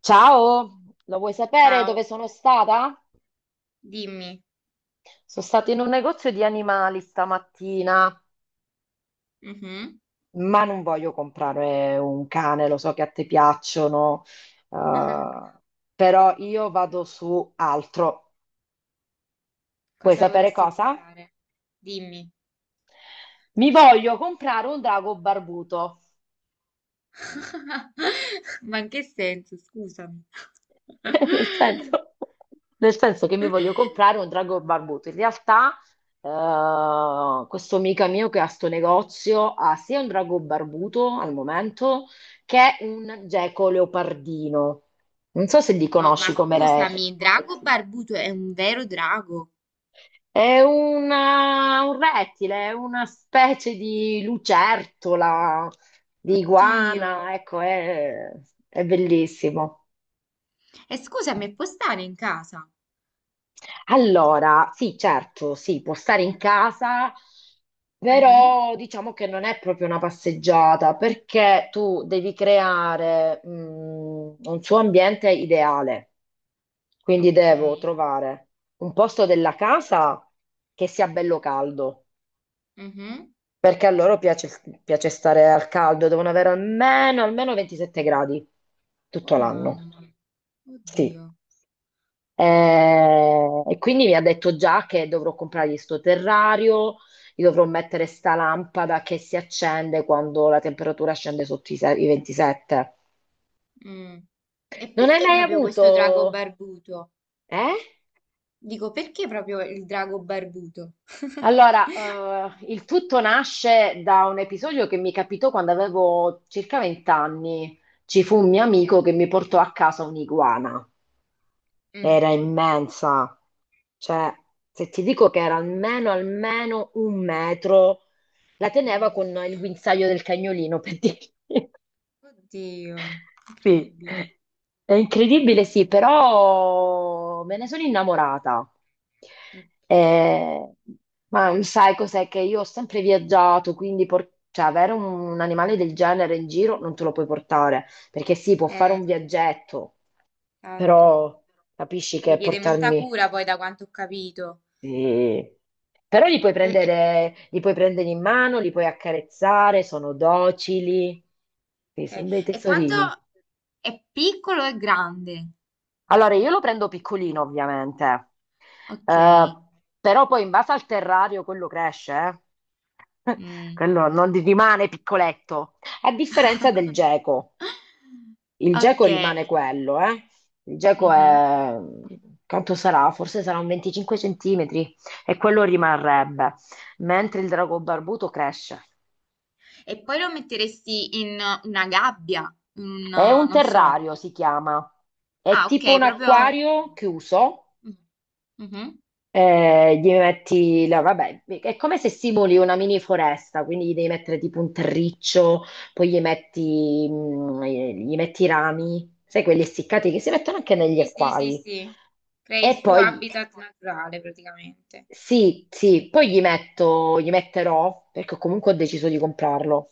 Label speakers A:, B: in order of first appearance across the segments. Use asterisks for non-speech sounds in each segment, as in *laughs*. A: Ciao, lo vuoi sapere dove
B: Ciao,
A: sono stata?
B: dimmi.
A: Sono stata in un negozio di animali stamattina,
B: Mhm.
A: ma non voglio comprare un cane, lo so che a te piacciono, eh, però io vado su altro. Vuoi
B: Cosa
A: sapere
B: vorresti
A: cosa?
B: comprare? Dimmi.
A: Mi voglio comprare un drago barbuto.
B: Ma in che senso? Scusami.
A: *laughs* Nel senso, nel senso che mi voglio comprare un drago barbuto. In realtà, questo amico mio che ha sto negozio ha sia un drago barbuto al momento che un geco leopardino. Non so se li
B: No, ma
A: conosci come re.
B: scusami, Drago Barbuto è un vero drago.
A: Un rettile, è una specie di lucertola, di
B: Oddio.
A: iguana, ecco, è bellissimo.
B: E scusami, può stare in casa?
A: Allora, sì, certo, sì, può stare in casa,
B: Mhm.
A: però diciamo che non è proprio una passeggiata perché tu devi creare, un suo ambiente ideale. Quindi
B: Ok.
A: devo trovare un posto della casa che sia bello caldo,
B: Mhm.
A: perché a loro piace, piace stare al caldo, devono avere almeno 27 gradi
B: Oh
A: tutto l'anno.
B: mamma.
A: Sì.
B: Oddio.
A: E quindi mi ha detto già che dovrò comprargli sto terrario, gli dovrò mettere sta lampada che si accende quando la temperatura scende sotto i 27.
B: Mm. E
A: Non hai
B: perché
A: mai
B: proprio
A: avuto...
B: questo drago barbuto?
A: Eh?
B: Dico, perché proprio il drago barbuto? *laughs*
A: Allora, il tutto nasce da un episodio che mi capitò quando avevo circa 20 anni. Ci fu un mio
B: Ok.
A: amico che mi portò a casa un'iguana.
B: Mm.
A: Era immensa, cioè, se ti dico che era almeno un metro. La teneva
B: Mamma
A: con il
B: mia.
A: guinzaglio del cagnolino, per dirti. *laughs*
B: Oddio,
A: Sì.
B: incredibile.
A: È incredibile, sì, però me ne sono innamorata.
B: Ok,
A: Eh, ma sai cos'è, che io ho sempre viaggiato, quindi cioè, avere un animale del genere in giro non te lo puoi portare, perché sì, può fare
B: eh,
A: un viaggetto,
B: esatto.
A: però capisci che
B: Richiede molta
A: portarmi...
B: cura poi da quanto ho capito.
A: Sì. Però
B: E, e-
A: li puoi prendere in mano, li puoi accarezzare, sono docili, sì, sono
B: ok.
A: dei
B: E quanto
A: tesorini.
B: è piccolo e grande?
A: Allora, io lo prendo piccolino, ovviamente.
B: Ok.
A: Eh, Però poi in base al terrario quello cresce, eh. *laughs*
B: Mm.
A: Quello non rimane piccoletto, a differenza del
B: *laughs*
A: geco. Il geco
B: Ok.
A: rimane quello, eh. Il geco
B: Mhm.
A: è... Quanto sarà? Forse sarà un 25 centimetri e quello rimarrebbe, mentre il drago barbuto cresce.
B: E poi lo metteresti in una gabbia, in
A: È
B: un,
A: un
B: non so.
A: terrario, si chiama. È
B: Ah, ok,
A: tipo un
B: proprio.
A: acquario chiuso.
B: Mm. Mhm.
A: Gli metti vabbè, è come se simuli una mini foresta, quindi gli devi mettere tipo un terriccio, poi gli metti, gli metti i rami, sai, quelli essiccati che si mettono anche negli
B: Sì, sì, sì,
A: acquari.
B: sì. Crei
A: E
B: il suo
A: poi
B: habitat naturale praticamente.
A: sì, sì, poi gli metto, gli metterò, perché comunque ho deciso di comprarlo.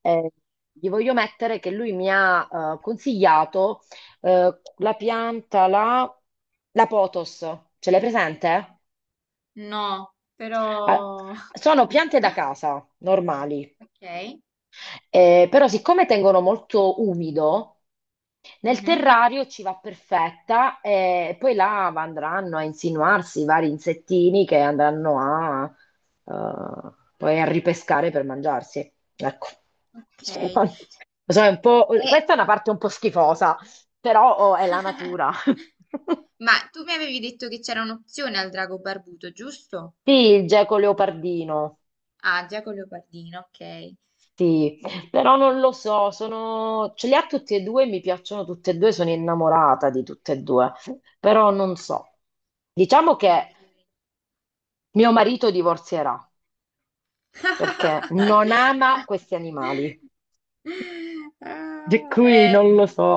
A: Eh, Gli voglio mettere che lui mi ha consigliato la pianta, la potos, ce l'hai presente?
B: No,
A: Ah,
B: però.
A: sono piante
B: *laughs*
A: da casa, normali.
B: Ok.
A: Però siccome tengono molto umido, nel
B: Mhm.
A: terrario ci va perfetta e poi là andranno a insinuarsi i vari insettini che andranno a, poi a ripescare per mangiarsi. Ecco.
B: Ok.
A: Cioè, non- *laughs* Lo so, è un po'- Questa è una parte un po' schifosa, però oh, è la
B: *laughs*
A: natura. *laughs*
B: Ma tu mi avevi detto che c'era un'opzione al drago barbuto, giusto?
A: Sì, il geco leopardino.
B: Ah, già con leopardino, ok.
A: Sì,
B: Mm,
A: però non lo so, sono... ce li ha tutti e due, mi piacciono tutti e due, sono innamorata di tutte e due, però non so. Diciamo
B: ok.
A: che mio marito divorzierà perché non ama questi animali.
B: *laughs*
A: E
B: Ah,
A: qui non lo so.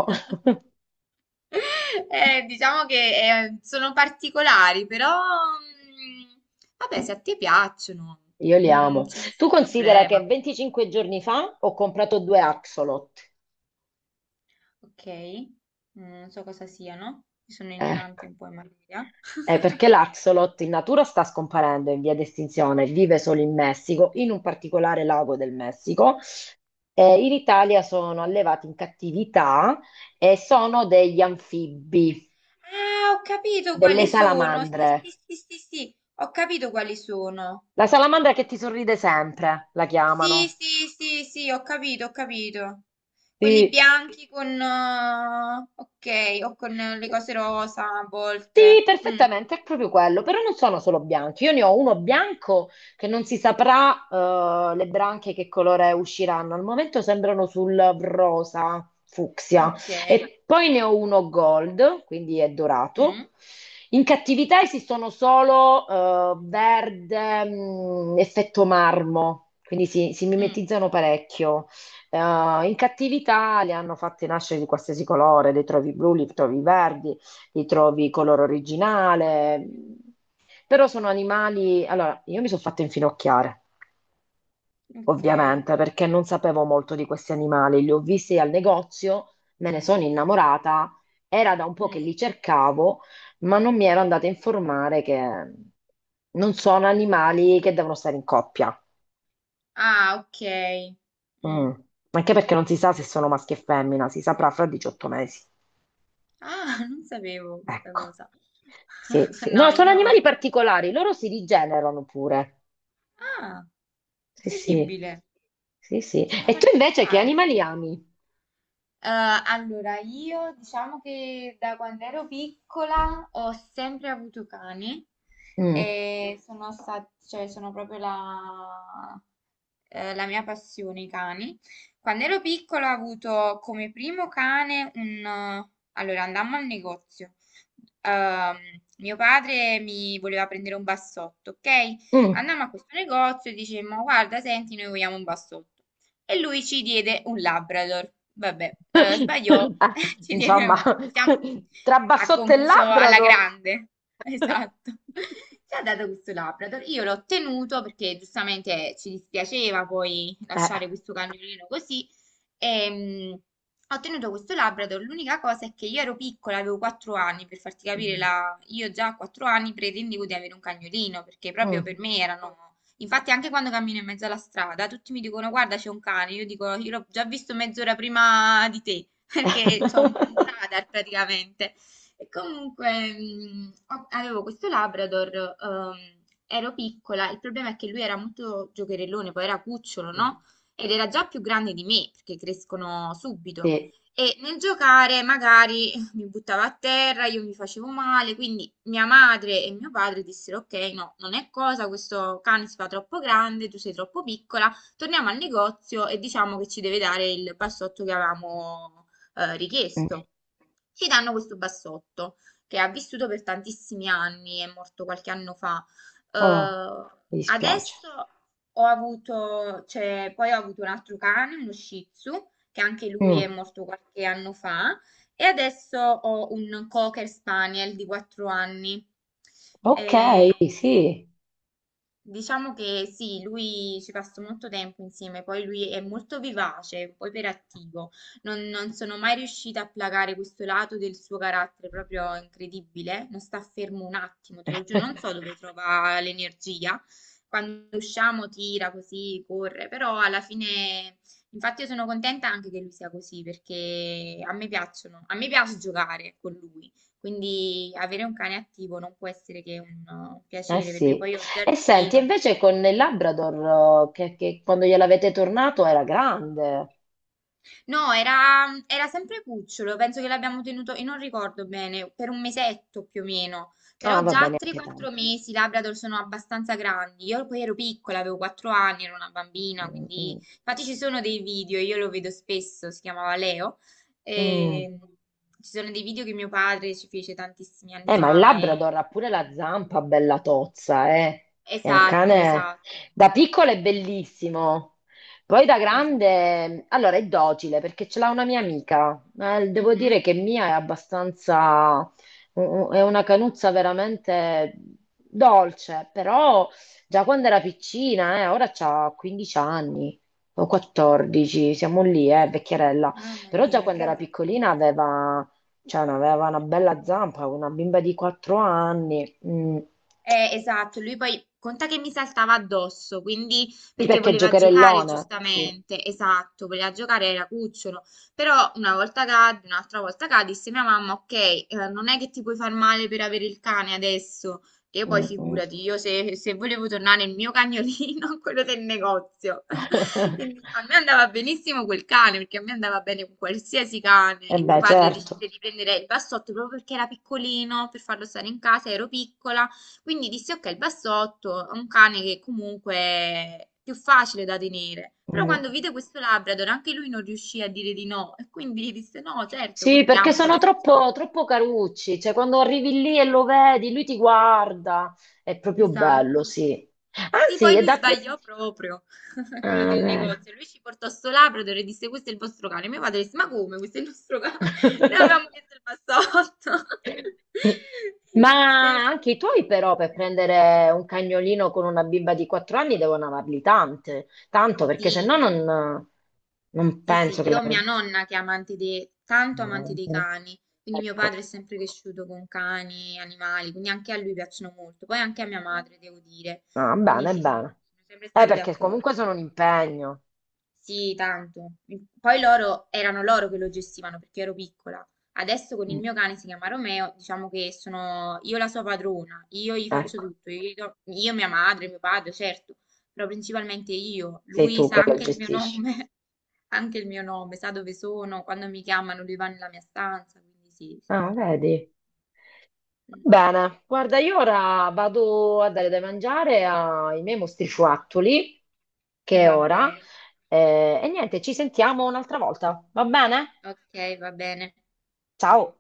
B: Diciamo che sono particolari, però mm, vabbè, se a te piacciono,
A: Io li amo.
B: c'è, Sì,
A: Tu
B: nessun
A: considera che
B: problema.
A: 25 giorni fa ho comprato due axolot.
B: Ok, non so cosa siano, sono
A: Ecco.
B: ignorante un po' in materia. *laughs*
A: Perché l'axolot in natura sta scomparendo in via di estinzione, vive solo in Messico, in un particolare lago del Messico. In Italia sono allevati in cattività e sono degli anfibi,
B: Ah, ho capito
A: delle
B: quali sono. Sì, sì,
A: salamandre.
B: sì, sì, sì, ho capito quali sono.
A: La salamandra che ti sorride sempre, la
B: Sì,
A: chiamano.
B: sì, sì, sì, ho capito, ho capito. Quelli
A: Sì.
B: bianchi con, ok, o con le cose rosa a
A: Sì,
B: volte. Mm.
A: perfettamente, è proprio quello, però non sono solo bianchi, io ne ho uno bianco che non si
B: Ok.
A: saprà, le branchie che colore usciranno, al momento sembrano sul rosa fucsia,
B: Okay.
A: e poi ne ho uno gold, quindi è dorato.
B: Mh.
A: In cattività esistono solo verde, effetto marmo, quindi si
B: Mh.
A: mimetizzano parecchio. In cattività li hanno fatti nascere di qualsiasi colore, li trovi blu, li trovi verdi, li trovi color originale, però sono animali... Allora, io mi sono fatta infinocchiare,
B: Okay.
A: ovviamente, perché non sapevo molto di questi animali, li ho visti al negozio, me ne sono innamorata, era da un po' che
B: Mh.
A: li cercavo, ma non mi ero andata a informare che non sono animali che devono stare in coppia.
B: Ah, okay.
A: Mm.
B: Mh.
A: Anche perché non si sa se sono maschi e femmina, si saprà fra 18 mesi.
B: Ah, *laughs* non sapevo questa
A: Ecco.
B: cosa.
A: Sì,
B: *laughs*
A: sì. No,
B: No,
A: sono animali
B: io,
A: particolari, loro si rigenerano pure.
B: ah,
A: Sì, sì,
B: incredibile.
A: sì, sì.
B: Sono
A: E tu invece che
B: particolari.
A: animali ami?
B: Eh, allora, io diciamo che da quando ero piccola ho sempre avuto cani
A: Mm,
B: e sono stati, cioè, sono proprio la mia passione, i cani. Quando ero piccola ho avuto come primo cane Allora, andammo al negozio. Ehm, mio padre mi voleva prendere un bassotto, ok?
A: mm.
B: Andammo a questo negozio e dicemmo, guarda, senti, noi vogliamo un bassotto. E lui ci diede un Labrador. Vabbè, sbagliò,
A: *laughs* Ah,
B: *laughs* ci diede
A: insomma,
B: un,
A: *laughs*
B: diciamo,
A: tra
B: ha
A: bassotto e
B: confuso alla
A: Labrador.
B: grande. *laughs* Esatto.
A: *laughs*
B: Ci ha dato questo Labrador. Io l'ho tenuto perché giustamente ci dispiaceva poi
A: Eh.
B: lasciare questo cagnolino così. E, ho tenuto questo Labrador, l'unica cosa è che io ero piccola, avevo 4 anni, per farti capire,
A: Mm,
B: io già a 4 anni pretendevo di avere un cagnolino, perché proprio
A: mm.
B: per me erano. Infatti, anche quando cammino in mezzo alla strada, tutti mi dicono: Guarda, c'è un cane. Io dico: Io l'ho già visto mezz'ora prima di te, *laughs* perché c'ho un
A: *laughs*
B: radar praticamente. E comunque, avevo questo Labrador, ero piccola. Il problema è che lui era molto giocherellone, poi era cucciolo, no? Ed era già più grande di me, perché crescono subito.
A: Sì.
B: E nel giocare magari mi buttava a terra, io mi facevo male, quindi mia madre e mio padre dissero: Ok, no, non è cosa, questo cane si fa troppo grande, tu sei troppo piccola, torniamo al negozio e diciamo che ci deve dare il bassotto che avevamo
A: Mm.
B: richiesto. Ci danno questo bassotto che ha vissuto per tantissimi anni, è morto qualche anno fa.
A: Oh, mi dispiace.
B: Adesso ho avuto, cioè, poi ho avuto un altro cane, uno Shih Tzu, che anche lui è
A: Mm.
B: morto qualche anno fa, e adesso ho un cocker spaniel di 4 anni.
A: Ok,
B: E
A: sì.
B: diciamo che sì, lui ci passa molto tempo insieme, poi lui è molto vivace, poi iperattivo. Non sono mai riuscita a placare questo lato del suo carattere proprio incredibile. Non sta fermo un attimo, te lo giuro, non so
A: *laughs*
B: dove trova l'energia. Quando usciamo tira così, corre, però alla fine, infatti io sono contenta anche che lui sia così, perché a me piacciono, a me piace giocare con lui. Quindi avere un cane attivo non può essere che un
A: Eh
B: piacere per me.
A: sì.
B: Poi ho il
A: E senti,
B: giardino,
A: invece con il Labrador, che quando gliel'avete tornato era grande.
B: no, era sempre cucciolo, penso che l'abbiamo tenuto, e non ricordo bene, per un mesetto più o meno.
A: Ah,
B: Però
A: va
B: già a
A: bene, anche
B: 3-4
A: tanto.
B: mesi i Labrador sono abbastanza grandi. Io poi ero piccola, avevo 4 anni, ero una bambina,
A: Mm,
B: quindi.
A: mm,
B: Infatti ci sono dei video, io lo vedo spesso, si chiamava Leo.
A: mm.
B: E... Ci sono dei video che mio padre ci fece tantissimi anni
A: Ma il
B: fa,
A: Labrador ha pure la zampa bella tozza, eh. È un
B: Esatto,
A: cane,
B: esatto,
A: da piccolo è bellissimo, poi da
B: esatto.
A: grande, allora è docile perché ce l'ha una mia amica. Devo dire
B: Mhm.
A: che Mia è abbastanza, è una canuzza veramente dolce, però già quando era piccina, ora ha 15 anni o 14, siamo lì, vecchierella.
B: Mamma
A: Però già
B: mia,
A: quando era
B: grande.
A: piccolina aveva... Cioè, no, aveva una bella zampa, una bimba di 4 anni. Mm.
B: Esatto, lui poi conta che mi saltava addosso, quindi
A: Sì,
B: perché
A: perché
B: voleva giocare
A: giocherellone, sì.
B: giustamente, esatto, voleva giocare era cucciolo, però una volta cadde, un'altra volta cadde, disse mia mamma, ok, non è che ti puoi far male per avere il cane adesso, che io poi
A: Mm, mm.
B: figurati, io se volevo tornare il mio cagnolino, *laughs* quello del negozio, *laughs* a me
A: *laughs*
B: andava benissimo quel cane, perché a me andava bene qualsiasi cane,
A: E
B: e mio
A: beh,
B: padre
A: certo.
B: decise di prendere il bassotto proprio perché era piccolino, per farlo stare in casa, ero piccola. Quindi dissi, ok, il bassotto è un cane che comunque è più facile da tenere. Però
A: Mm.
B: quando vide questo Labrador, anche lui non riuscì a dire di no. E quindi disse, no, certo,
A: Sì, perché
B: portiamocelo,
A: sono
B: che facciamo?
A: troppo, troppo carucci. Cioè, quando arrivi lì e lo vedi, lui ti guarda. È proprio bello,
B: Esatto.
A: sì.
B: Sì,
A: Anzi,
B: poi
A: è
B: lui
A: da apprezzare.
B: sbagliò proprio, *laughs* quello
A: Ah,
B: del
A: vedi.
B: negozio. Lui ci portò sto Labrador e disse, questo è il vostro cane. Mio padre disse, ma come, questo è il nostro cane? *laughs* Noi avevamo
A: *laughs*
B: chiesto il bassotto. *laughs* E
A: Ma
B: lui disse,
A: anche i tuoi però, per prendere un cagnolino con una bimba di 4 anni devono amarli tante, tanto, perché se no
B: sì.
A: non, non
B: Sì, sì,
A: penso che
B: io ho
A: l'avrebbe...
B: mia nonna che è amante dei, tanto amante dei cani, quindi mio
A: Ecco.
B: padre è sempre cresciuto con cani, animali, quindi anche a lui piacciono molto, poi anche a mia madre, devo dire,
A: Ah,
B: quindi
A: bene,
B: sì, sì,
A: bene.
B: sono sempre stati
A: Perché comunque
B: d'accordo.
A: sono un impegno.
B: Sì, tanto. Poi loro erano loro che lo gestivano perché ero piccola. Adesso con il
A: Mm.
B: mio cane, si chiama Romeo, diciamo che sono io la sua padrona, io gli faccio
A: Ecco,
B: tutto, io, mia madre, mio padre, certo, però principalmente io.
A: sei
B: Lui
A: tu
B: sa
A: che lo
B: anche il mio
A: gestisci.
B: nome, *laughs* anche il mio nome, sa dove sono, quando mi chiamano lui va nella mia stanza, quindi sì, sì,
A: Ah,
B: sì.
A: vedi.
B: Mm.
A: Bene, guarda, io ora vado a dare da mangiare ai miei mostrifuattoli, che è
B: Va
A: ora.
B: bene,
A: E niente, ci sentiamo un'altra volta, va bene?
B: ok, va bene.
A: Ciao!